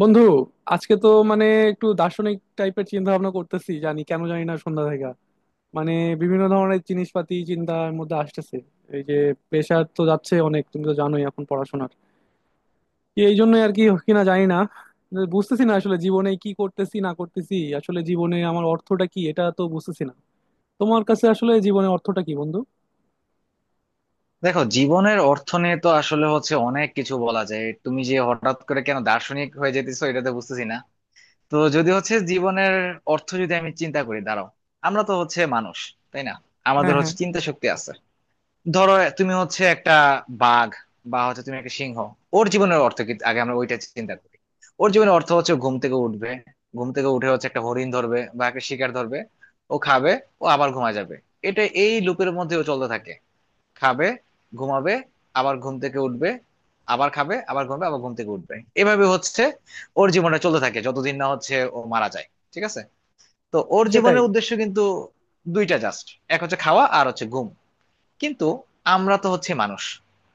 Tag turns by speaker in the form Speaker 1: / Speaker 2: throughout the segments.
Speaker 1: বন্ধু, আজকে তো মানে একটু দার্শনিক টাইপের চিন্তা ভাবনা করতেছি। জানি কেন জানি না সন্ধ্যা থেকে মানে বিভিন্ন ধরনের জিনিসপাতি চিন্তার মধ্যে আসতেছে। এই যে প্রেশার তো যাচ্ছে অনেক, তুমি তো জানোই এখন পড়াশোনার। কি এই জন্যই আর কি কিনা জানি না, বুঝতেছি না আসলে জীবনে কি করতেছি না করতেছি। আসলে জীবনে আমার অর্থটা কি, এটা তো বুঝতেছি না। তোমার কাছে আসলে জীবনে অর্থটা কি বন্ধু?
Speaker 2: দেখো, জীবনের অর্থ নিয়ে তো আসলে হচ্ছে অনেক কিছু বলা যায়। তুমি যে হঠাৎ করে কেন দার্শনিক হয়ে যেতেছো এটা তো বুঝতেছি না। তো যদি হচ্ছে জীবনের অর্থ যদি আমি চিন্তা করি, দাঁড়াও। আমরা তো হচ্ছে মানুষ, তাই না? আমাদের
Speaker 1: হ্যাঁ, হ্যাঁ।
Speaker 2: হচ্ছে চিন্তা শক্তি আছে। ধরো তুমি হচ্ছে একটা বাঘ, বা হচ্ছে তুমি একটা সিংহ। ওর জীবনের অর্থ কি আগে আমরা ওইটা চিন্তা করি। ওর জীবনের অর্থ হচ্ছে ঘুম থেকে উঠবে, ঘুম থেকে উঠে হচ্ছে একটা হরিণ ধরবে বা একটা শিকার ধরবে, ও খাবে, ও আবার ঘুমা যাবে। এটা এই লুপের মধ্যে ও চলতে থাকে। খাবে, ঘুমাবে, আবার ঘুম থেকে উঠবে, আবার খাবে, আবার ঘুমাবে, আবার ঘুম থেকে উঠবে। এভাবে হচ্ছে ওর জীবনটা চলতে থাকে যতদিন না হচ্ছে ও মারা যায়, ঠিক আছে। তো ওর
Speaker 1: সেটাই।
Speaker 2: জীবনের উদ্দেশ্য কিন্তু দুইটা জাস্ট, এক হচ্ছে খাওয়া আর হচ্ছে ঘুম। কিন্তু আমরা তো হচ্ছে মানুষ,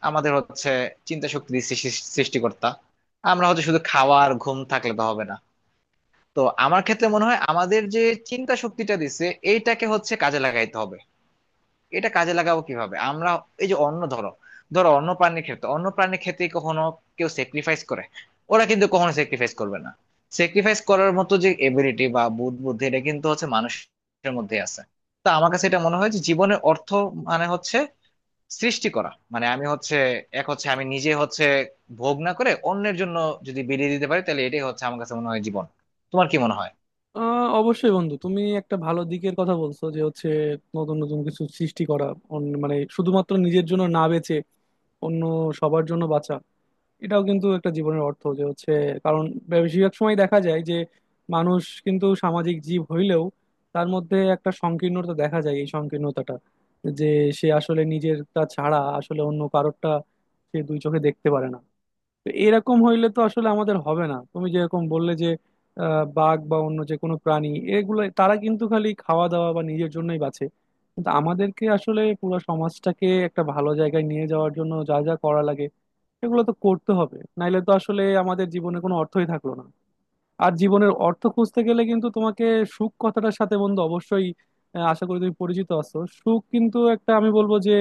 Speaker 2: আমাদের হচ্ছে চিন্তা শক্তির সৃষ্টিকর্তা। আমরা হচ্ছে শুধু খাওয়া আর ঘুম থাকলে তো হবে না। তো আমার ক্ষেত্রে মনে হয় আমাদের যে চিন্তা শক্তিটা দিছে, এইটাকে হচ্ছে কাজে লাগাইতে হবে। এটা কাজে লাগাবো কিভাবে আমরা? এই যে অন্য ধরো, অন্য প্রাণীর ক্ষেত্রে কখনো কেউ স্যাক্রিফাইস করে? ওরা কিন্তু কখনো স্যাক্রিফাইস করবে না। স্যাক্রিফাইস করার মতো যে এবিলিটি বা বুদ্ধি, এটা কিন্তু হচ্ছে মানুষের মধ্যে আছে। তো আমার কাছে এটা মনে হয় যে জীবনের অর্থ মানে হচ্ছে সৃষ্টি করা। মানে আমি হচ্ছে, এক হচ্ছে আমি নিজে হচ্ছে ভোগ না করে অন্যের জন্য যদি বিলিয়ে দিতে পারি, তাহলে এটাই হচ্ছে আমার কাছে মনে হয় জীবন। তোমার কি মনে হয়?
Speaker 1: অবশ্যই বন্ধু, তুমি একটা ভালো দিকের কথা বলছো যে হচ্ছে নতুন নতুন কিছু সৃষ্টি করা। মানে শুধুমাত্র নিজের জন্য না বেঁচে অন্য সবার জন্য বাঁচা। এটাও কিন্তু একটা জীবনের অর্থ যে হচ্ছে। কারণ বেশিরভাগ সময় দেখা যায় যে মানুষ কিন্তু সামাজিক জীব হইলেও তার মধ্যে একটা সংকীর্ণতা দেখা যায়। এই সংকীর্ণতাটা যে সে আসলে নিজেরটা ছাড়া আসলে অন্য কারোরটা সে দুই চোখে দেখতে পারে না। তো এরকম হইলে তো আসলে আমাদের হবে না। তুমি যেরকম বললে যে বাঘ বা অন্য যে কোনো প্রাণী, এগুলো তারা কিন্তু খালি খাওয়া দাওয়া বা নিজের জন্যই বাঁচে। কিন্তু আমাদেরকে আসলে পুরো সমাজটাকে একটা ভালো জায়গায় নিয়ে যাওয়ার জন্য যা যা করা লাগে সেগুলো তো করতে হবে, নাইলে তো আসলে আমাদের জীবনে কোনো অর্থই থাকলো না। আর জীবনের অর্থ খুঁজতে গেলে কিন্তু তোমাকে সুখ কথাটার সাথে, বন্ধু, অবশ্যই আশা করি তুমি পরিচিত আছো। সুখ কিন্তু একটা, আমি বলবো যে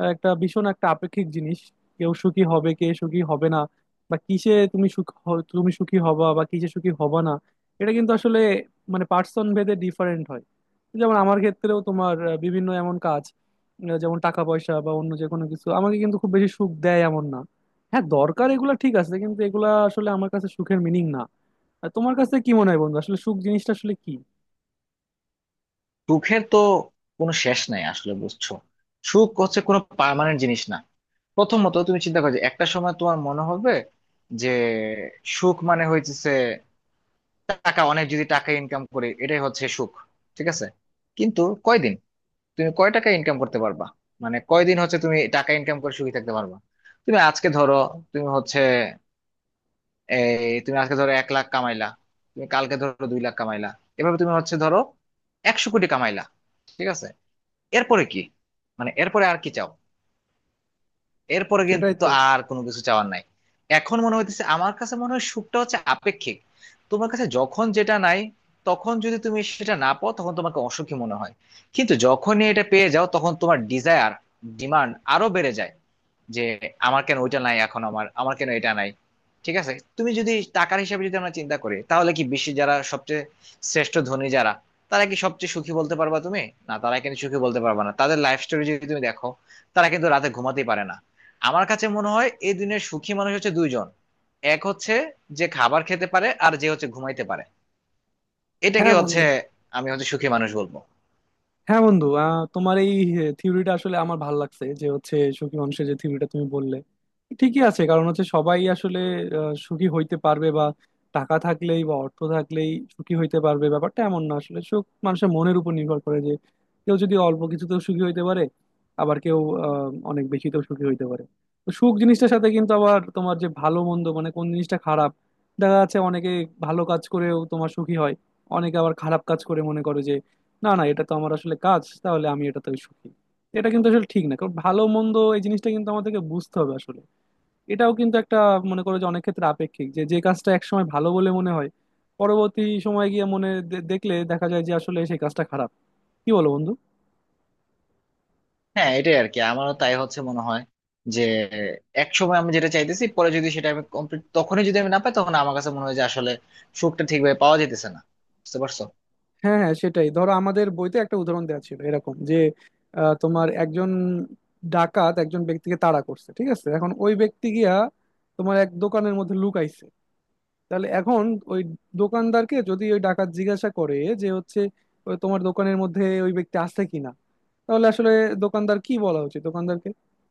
Speaker 1: একটা ভীষণ একটা আপেক্ষিক জিনিস। কেউ সুখী হবে, কে সুখী হবে না, বা কিসে তুমি তুমি সুখী হবা, বা কিসে সুখী হবা না, এটা কিন্তু আসলে মানে পার্সন ভেদে ডিফারেন্ট হয়। যেমন আমার ক্ষেত্রেও তোমার বিভিন্ন এমন কাজ, যেমন টাকা পয়সা বা অন্য যে কোনো কিছু আমাকে কিন্তু খুব বেশি সুখ দেয় এমন না। হ্যাঁ, দরকার এগুলা, ঠিক আছে, কিন্তু এগুলা আসলে আমার কাছে সুখের মিনিং না। আর তোমার কাছে কি মনে হয় বন্ধু, আসলে সুখ জিনিসটা আসলে কি?
Speaker 2: সুখের তো কোনো শেষ নাই আসলে, বুঝছো। সুখ হচ্ছে কোনো পার্মানেন্ট জিনিস না। প্রথমত তুমি চিন্তা করো যে একটা সময় তোমার মনে হবে যে সুখ মানে হইতেছে টাকা, অনেক যদি টাকা ইনকাম করে এটাই হচ্ছে সুখ, ঠিক আছে। কিন্তু কয়দিন, তুমি কয় টাকা ইনকাম করতে পারবা? মানে কয়দিন হচ্ছে তুমি টাকা ইনকাম করে সুখী থাকতে পারবা? তুমি আজকে ধরো, তুমি হচ্ছে, এই তুমি আজকে ধরো 1 লাখ কামাইলা, তুমি কালকে ধরো 2 লাখ কামাইলা, এভাবে তুমি হচ্ছে ধরো 100 কোটি কামাইলা, ঠিক আছে। এরপরে কি? মানে এরপরে আর কি চাও? এরপরে
Speaker 1: সেটাই
Speaker 2: কিন্তু
Speaker 1: তো।
Speaker 2: আর কোনো কিছু চাওয়ার নাই। এখন মনে হইতেছে আমার কাছে মনে হয় সুখটা হচ্ছে আপেক্ষিক। তোমার কাছে যখন যেটা নাই, তখন যদি তুমি সেটা না পাও তখন তোমাকে অসুখী মনে হয়। কিন্তু যখনই এটা পেয়ে যাও তখন তোমার ডিজায়ার, ডিমান্ড আরো বেড়ে যায়। যে আমার কেন ওইটা নাই, এখন আমার আমার কেন এটা নাই, ঠিক আছে। তুমি যদি টাকার হিসাবে যদি আমরা চিন্তা করি, তাহলে কি বিশ্বে যারা সবচেয়ে শ্রেষ্ঠ ধনী যারা, তারা কি সবচেয়ে সুখী বলতে পারবা তুমি? না, তারা কিন্তু সুখী বলতে পারবা না। তাদের লাইফ স্টোরি যদি তুমি দেখো, তারা কিন্তু রাতে ঘুমাতেই পারে না। আমার কাছে মনে হয় এই দুনিয়ার সুখী মানুষ হচ্ছে দুইজন। এক হচ্ছে যে খাবার খেতে পারে, আর যে হচ্ছে ঘুমাইতে পারে। এটাকে
Speaker 1: হ্যাঁ
Speaker 2: হচ্ছে
Speaker 1: বন্ধু।
Speaker 2: আমি হচ্ছে সুখী মানুষ বলবো।
Speaker 1: হ্যাঁ বন্ধু, তোমার এই থিওরিটা আসলে আমার ভাল লাগছে। যে হচ্ছে সুখী মানুষের যে থিওরিটা তুমি বললে, ঠিকই আছে। কারণ হচ্ছে সবাই আসলে সুখী হইতে পারবে বা টাকা থাকলেই বা অর্থ থাকলেই সুখী হইতে পারবে, ব্যাপারটা এমন না। আসলে সুখ মানুষের মনের উপর নির্ভর করে যে কেউ যদি অল্প কিছুতেও সুখী হইতে পারে, আবার কেউ অনেক বেশিতেও সুখী হইতে পারে। তো সুখ জিনিসটার সাথে কিন্তু আবার তোমার যে ভালো মন্দ, মানে কোন জিনিসটা খারাপ, দেখা যাচ্ছে অনেকে ভালো কাজ করেও তোমার সুখী হয়, অনেকে আবার খারাপ কাজ করে মনে করে যে না না, এটা তো আমার আসলে কাজ, তাহলে আমি এটাতে সুখী। এটা কিন্তু আসলে ঠিক না। কারণ ভালো মন্দ এই জিনিসটা কিন্তু আমাদেরকে বুঝতে হবে আসলে। এটাও কিন্তু একটা, মনে করো যে, অনেক ক্ষেত্রে আপেক্ষিক, যে যে কাজটা একসময় ভালো বলে মনে হয় পরবর্তী সময় গিয়ে দেখলে দেখা যায় যে আসলে সেই কাজটা খারাপ। কি বলো বন্ধু?
Speaker 2: হ্যাঁ এটাই আর কি, আমারও তাই হচ্ছে মনে হয়। যে এক সময় আমি যেটা চাইতেছি পরে যদি সেটা আমি কমপ্লিট, তখনই যদি আমি না পাই, তখন আমার কাছে মনে হয় যে আসলে সুখটা ঠিকভাবে পাওয়া যেতেছে না। বুঝতে পারছো?
Speaker 1: হ্যাঁ, হ্যাঁ, সেটাই। ধরো আমাদের বইতে একটা উদাহরণ দেওয়া ছিল এরকম যে তোমার একজন ডাকাত একজন ব্যক্তিকে তাড়া করছে, ঠিক আছে, এখন ওই ব্যক্তি গিয়া তোমার এক দোকানের মধ্যে লুকাইছে। তাহলে এখন ওই দোকানদারকে যদি ওই ডাকাত জিজ্ঞাসা করে যে হচ্ছে ও তোমার দোকানের মধ্যে ওই ব্যক্তি আছে কিনা, তাহলে আসলে দোকানদার কি বলা উচিত দোকানদারকে?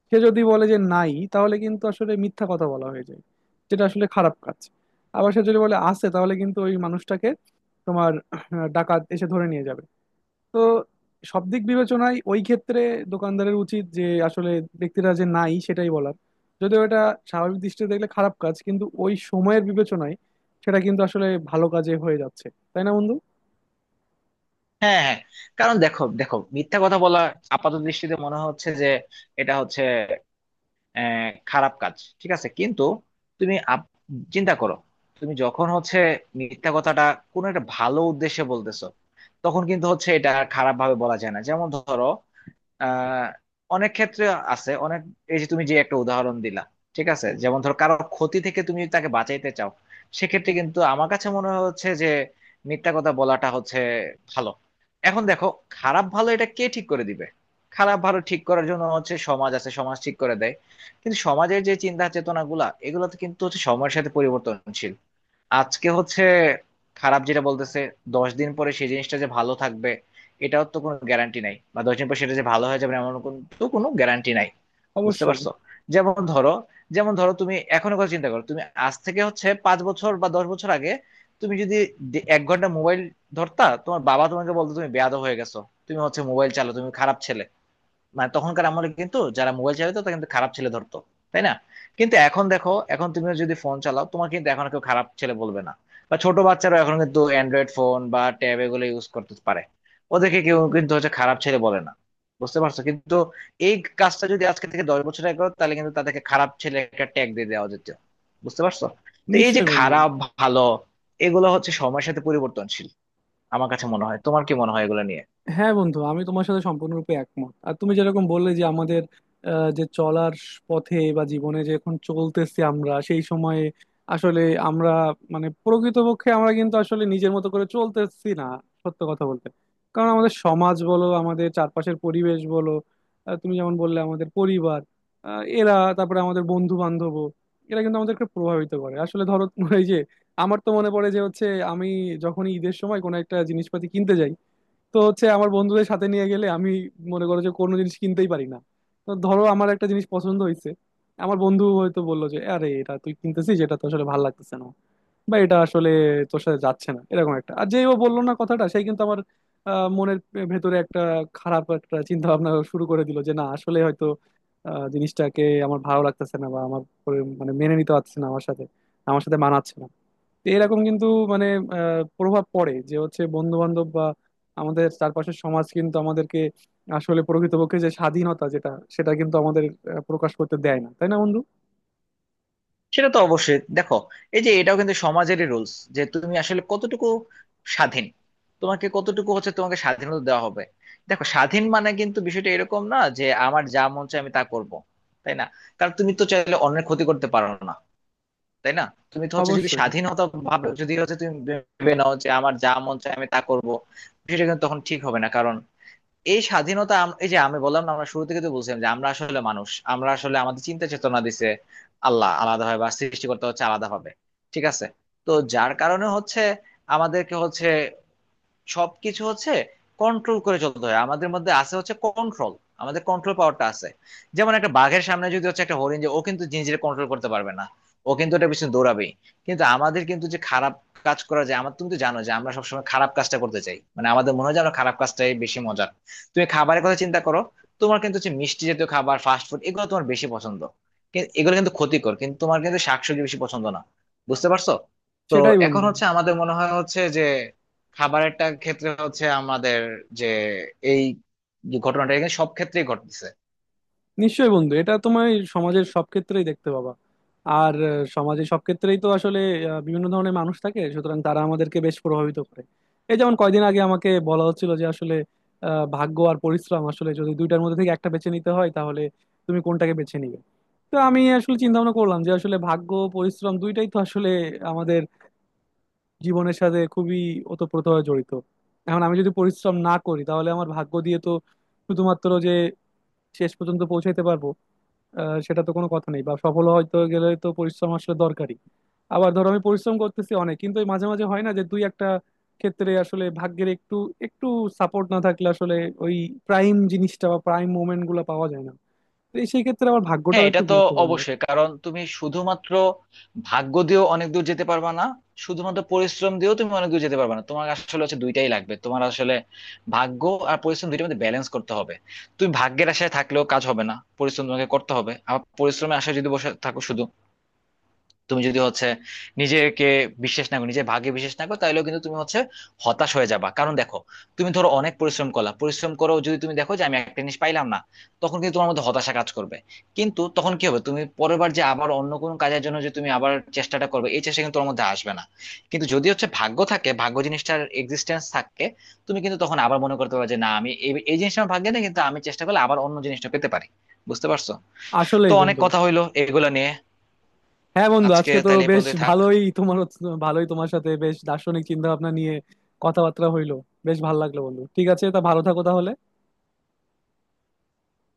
Speaker 1: সে যদি বলে যে নাই, তাহলে কিন্তু আসলে মিথ্যা কথা বলা হয়ে যায়, যেটা আসলে খারাপ কাজ। আবার সে যদি বলে আছে, তাহলে কিন্তু ওই মানুষটাকে তোমার ডাকাত এসে ধরে নিয়ে যাবে। তো সব দিক বিবেচনায় ওই ক্ষেত্রে দোকানদারের উচিত যে আসলে ব্যক্তিরা যে নাই সেটাই বলার। যদিও এটা স্বাভাবিক দৃষ্টিতে দেখলে খারাপ কাজ, কিন্তু ওই সময়ের বিবেচনায় সেটা কিন্তু আসলে ভালো কাজে হয়ে যাচ্ছে। তাই না বন্ধু?
Speaker 2: হ্যাঁ, হ্যাঁ। কারণ দেখো দেখো মিথ্যা কথা বলা আপাত দৃষ্টিতে মনে হচ্ছে যে এটা হচ্ছে খারাপ কাজ, ঠিক আছে। কিন্তু তুমি চিন্তা করো, তুমি যখন হচ্ছে মিথ্যা কথাটা কোনো একটা ভালো উদ্দেশ্যে বলতেছো, তখন কিন্তু হচ্ছে এটা খারাপ ভাবে বলা যায় না। যেমন ধরো, আহ অনেক ক্ষেত্রে আছে অনেক, এই যে তুমি যে একটা উদাহরণ দিলা, ঠিক আছে। যেমন ধরো কারো ক্ষতি থেকে তুমি যদি তাকে বাঁচাইতে চাও, সেক্ষেত্রে কিন্তু আমার কাছে মনে হচ্ছে যে মিথ্যা কথা বলাটা হচ্ছে ভালো। এখন দেখো, খারাপ ভালো এটা কে ঠিক করে দিবে? খারাপ ভালো ঠিক করার জন্য হচ্ছে সমাজ আছে, সমাজ ঠিক করে দেয়। কিন্তু সমাজের যে চিন্তা চেতনা গুলা, এগুলো তো কিন্তু হচ্ছে সময়ের সাথে পরিবর্তনশীল। আজকে হচ্ছে খারাপ যেটা বলতেছে, 10 দিন পরে সেই জিনিসটা যে ভালো থাকবে, এটাও তো কোনো গ্যারান্টি নাই, বা 10 দিন পরে সেটা যে ভালো হয়ে যাবে এমন কিন্তু কোনো গ্যারান্টি নাই। বুঝতে
Speaker 1: অবশ্যই।
Speaker 2: পারছো? যেমন ধরো যেমন ধরো তুমি এখনো কথা চিন্তা করো, তুমি আজ থেকে হচ্ছে 5 বছর বা 10 বছর আগে তুমি যদি এক ঘন্টা মোবাইল ধরতা, তোমার বাবা তোমাকে বলতো তুমি বেয়াদব হয়ে গেছো, তুমি হচ্ছে মোবাইল চালাও, তুমি খারাপ ছেলে। মানে তখনকার আমলে কিন্তু যারা মোবাইল চালাতো তারা কিন্তু খারাপ ছেলে ধরতো, তাই না? কিন্তু এখন দেখো, এখন তুমি যদি ফোন চালাও তোমার কিন্তু এখন কেউ খারাপ ছেলে বলবে না। বা ছোট বাচ্চারা এখন কিন্তু অ্যান্ড্রয়েড ফোন বা ট্যাব এগুলো ইউজ করতে পারে, ওদেরকে কেউ কিন্তু হচ্ছে খারাপ ছেলে বলে না। বুঝতে পারছো? কিন্তু এই কাজটা যদি আজকে থেকে 10 বছর আগে করো, তাহলে কিন্তু তাদেরকে খারাপ ছেলে একটা ট্যাগ দিয়ে দেওয়া যেত। বুঝতে পারছো? তো এই যে
Speaker 1: নিশ্চয়ই বন্ধু।
Speaker 2: খারাপ ভালো, এগুলো হচ্ছে সময়ের সাথে পরিবর্তনশীল। আমার কাছে মনে হয়, তোমার কি মনে হয় এগুলো নিয়ে?
Speaker 1: হ্যাঁ বন্ধু, আমি তোমার সাথে সম্পূর্ণরূপে একমত। আর তুমি যেরকম বললে যে আমাদের যে চলার পথে বা জীবনে যে এখন চলতেছি আমরা সেই সময়ে আসলে আমরা মানে প্রকৃতপক্ষে আমরা কিন্তু আসলে নিজের মতো করে চলতেছি না, সত্য কথা বলতে। কারণ আমাদের সমাজ বলো, আমাদের চারপাশের পরিবেশ বলো, তুমি যেমন বললে আমাদের পরিবার, এরা, তারপরে আমাদের বন্ধু বান্ধব, এরা কিন্তু আমাদেরকে প্রভাবিত করে আসলে। ধরো এই যে আমার তো মনে পড়ে যে হচ্ছে আমি যখনই ঈদের সময় কোনো একটা জিনিসপাতি কিনতে যাই, তো হচ্ছে আমার বন্ধুদের সাথে নিয়ে গেলে আমি, মনে করো যে, কোনো জিনিস কিনতেই পারি না। তো ধরো আমার একটা জিনিস পছন্দ হয়েছে, আমার বন্ধু হয়তো বললো যে আরে এটা তুই কিনতেছিস, এটা তো আসলে ভালো লাগতেছে না, বা এটা আসলে তোর সাথে যাচ্ছে না, এরকম একটা। আর যেই ও বললো না কথাটা, সেই কিন্তু আমার মনের ভেতরে একটা খারাপ একটা চিন্তা ভাবনা শুরু করে দিল যে না, আসলে হয়তো জিনিসটাকে আমার ভালো লাগতেছে না, বা আমার পরে মানে মেনে নিতে পারছে না আমার সাথে মানাচ্ছে না। তো এরকম কিন্তু মানে প্রভাব পড়ে যে হচ্ছে বন্ধু বান্ধব বা আমাদের চারপাশের সমাজ কিন্তু আমাদেরকে আসলে প্রকৃতপক্ষে যে স্বাধীনতা যেটা, সেটা কিন্তু আমাদের প্রকাশ করতে দেয় না। তাই না বন্ধু?
Speaker 2: সেটা তো অবশ্যই, দেখো, এই যে এটাও কিন্তু সমাজেরই রুলস যে তুমি আসলে কতটুকু স্বাধীন, তোমাকে কতটুকু হচ্ছে তোমাকে স্বাধীনতা দেওয়া হবে। দেখো, স্বাধীন মানে কিন্তু বিষয়টা এরকম না যে আমার যা মন চায় আমি তা করব, তাই না? কারণ তুমি তো চাইলে অন্যের ক্ষতি করতে পারো না, তাই না? তুমি তো হচ্ছে যদি
Speaker 1: অবশ্যই।
Speaker 2: স্বাধীনতা ভাবে যদি হচ্ছে তুমি ভেবে নাও যে আমার যা মন চায় আমি তা করব, বিষয়টা কিন্তু তখন ঠিক হবে না। কারণ এই স্বাধীনতা এই যে আমি বললাম না, আমরা শুরু থেকে তো বলছিলাম যে আমরা আসলে মানুষ, আমরা আসলে আমাদের চিন্তা চেতনা দিছে আল্লাহ, আলাদা হয় বা সৃষ্টি করতে হচ্ছে আলাদা হবে, ঠিক আছে। তো যার কারণে হচ্ছে আমাদেরকে হচ্ছে সবকিছু হচ্ছে কন্ট্রোল করে চলতে হয়, আমাদের মধ্যে আছে হচ্ছে কন্ট্রোল, আমাদের কন্ট্রোল পাওয়ারটা আছে। যেমন একটা বাঘের সামনে যদি হচ্ছে একটা হরিণ, যে ও কিন্তু নিজের কন্ট্রোল করতে পারবে না, ও কিন্তু ওটা পিছনে দৌড়াবেই। কিন্তু আমাদের কিন্তু যে খারাপ কাজ করা যায় আমার, তুমি তো জানো যে আমরা সবসময় খারাপ কাজটা করতে চাই, মানে আমাদের মনে হয় যে আমরা খারাপ কাজটাই বেশি মজার। তুমি খাবারের কথা চিন্তা করো, তোমার কিন্তু হচ্ছে মিষ্টি জাতীয় খাবার, ফাস্ট ফুড এগুলো তোমার বেশি পছন্দ। এগুলো কিন্তু ক্ষতিকর, কিন্তু তোমার কিন্তু শাকসবজি বেশি পছন্দ না। বুঝতে পারছো? তো
Speaker 1: সেটাই
Speaker 2: এখন
Speaker 1: বন্ধু।
Speaker 2: হচ্ছে আমাদের মনে হয় হচ্ছে যে খাবারেরটা ক্ষেত্রে হচ্ছে আমাদের, যে এই যে ঘটনাটা এখানে সব ক্ষেত্রেই ঘটতেছে।
Speaker 1: নিশ্চয়ই বন্ধু, এটা তোমার সমাজের সব ক্ষেত্রেই দেখতে পাবা। আর সমাজে সব ক্ষেত্রেই তো আসলে বিভিন্ন ধরনের মানুষ থাকে, সুতরাং তারা আমাদেরকে বেশ প্রভাবিত করে। এই যেমন কয়দিন আগে আমাকে বলা হচ্ছিল যে আসলে ভাগ্য আর পরিশ্রম, আসলে যদি দুইটার মধ্যে থেকে একটা বেছে নিতে হয় তাহলে তুমি কোনটাকে বেছে নিবে। তো আমি আসলে চিন্তা ভাবনা করলাম যে আসলে ভাগ্য পরিশ্রম দুইটাই তো আসলে আমাদের জীবনের সাথে খুবই ওতপ্রোতভাবে জড়িত। এখন আমি যদি পরিশ্রম না করি তাহলে আমার ভাগ্য দিয়ে তো শুধুমাত্র যে শেষ পর্যন্ত পৌঁছাইতে পারবো সেটা তো কোনো কথা নেই। বা সফল হয়তো গেলে তো পরিশ্রম আসলে দরকারি। আবার ধরো আমি পরিশ্রম করতেছি অনেক, কিন্তু এই মাঝে মাঝে হয় না যে দুই একটা ক্ষেত্রে আসলে ভাগ্যের একটু একটু সাপোর্ট না থাকলে আসলে ওই প্রাইম জিনিসটা বা প্রাইম মোমেন্ট গুলো পাওয়া যায় না। তো এই সেই ক্ষেত্রে আবার
Speaker 2: হ্যাঁ
Speaker 1: ভাগ্যটাও
Speaker 2: এটা
Speaker 1: একটু
Speaker 2: তো
Speaker 1: গুরুত্বপূর্ণ।
Speaker 2: অবশ্যই, কারণ তুমি শুধুমাত্র ভাগ্য দিয়েও অনেক দূর যেতে পারবা না, শুধুমাত্র পরিশ্রম দিয়েও তুমি অনেক দূর যেতে পারবা না, তোমার আসলে হচ্ছে দুইটাই লাগবে। তোমার আসলে ভাগ্য আর পরিশ্রম দুইটার মধ্যে ব্যালেন্স করতে হবে। তুমি ভাগ্যের আশায় থাকলেও কাজ হবে না, পরিশ্রম তোমাকে করতে হবে। আবার পরিশ্রমের আশায় যদি বসে থাকো, তুমি যদি হচ্ছে নিজেকে বিশ্বাস না করো, নিজে ভাগে বিশ্বাস না করো, তাহলেও কিন্তু তুমি হচ্ছে হতাশ হয়ে যাবা। কারণ দেখো, তুমি ধরো অনেক পরিশ্রম করলা, পরিশ্রম করো যদি তুমি দেখো যে আমি একটা জিনিস পাইলাম না, তখন কিন্তু তোমার মধ্যে হতাশা কাজ করবে। কিন্তু তখন কি হবে, তুমি পরের বার যে আবার অন্য কোনো কাজের জন্য যে তুমি আবার চেষ্টাটা করবে, এই চেষ্টা কিন্তু তোমার মধ্যে আসবে না। কিন্তু যদি হচ্ছে ভাগ্য থাকে, ভাগ্য জিনিসটার এক্সিস্টেন্স থাকে, তুমি কিন্তু তখন আবার মনে করতে পারবে যে না, আমি এই এই জিনিসটা আমার ভাগ্যে নেই, কিন্তু আমি চেষ্টা করলে আবার অন্য জিনিসটা পেতে পারি। বুঝতে পারছো? তো
Speaker 1: আসলেই
Speaker 2: অনেক
Speaker 1: বন্ধু।
Speaker 2: কথা হইলো এগুলো নিয়ে।
Speaker 1: হ্যাঁ বন্ধু,
Speaker 2: আজকে
Speaker 1: আজকে তো
Speaker 2: তাহলে এ
Speaker 1: বেশ
Speaker 2: পর্যন্তই থাক।
Speaker 1: ভালোই তোমার ভালোই তোমার সাথে বেশ দার্শনিক চিন্তা ভাবনা নিয়ে কথাবার্তা হইলো। বেশ ভালো লাগলো বন্ধু, ঠিক আছে তা, ভালো থাকো তাহলে।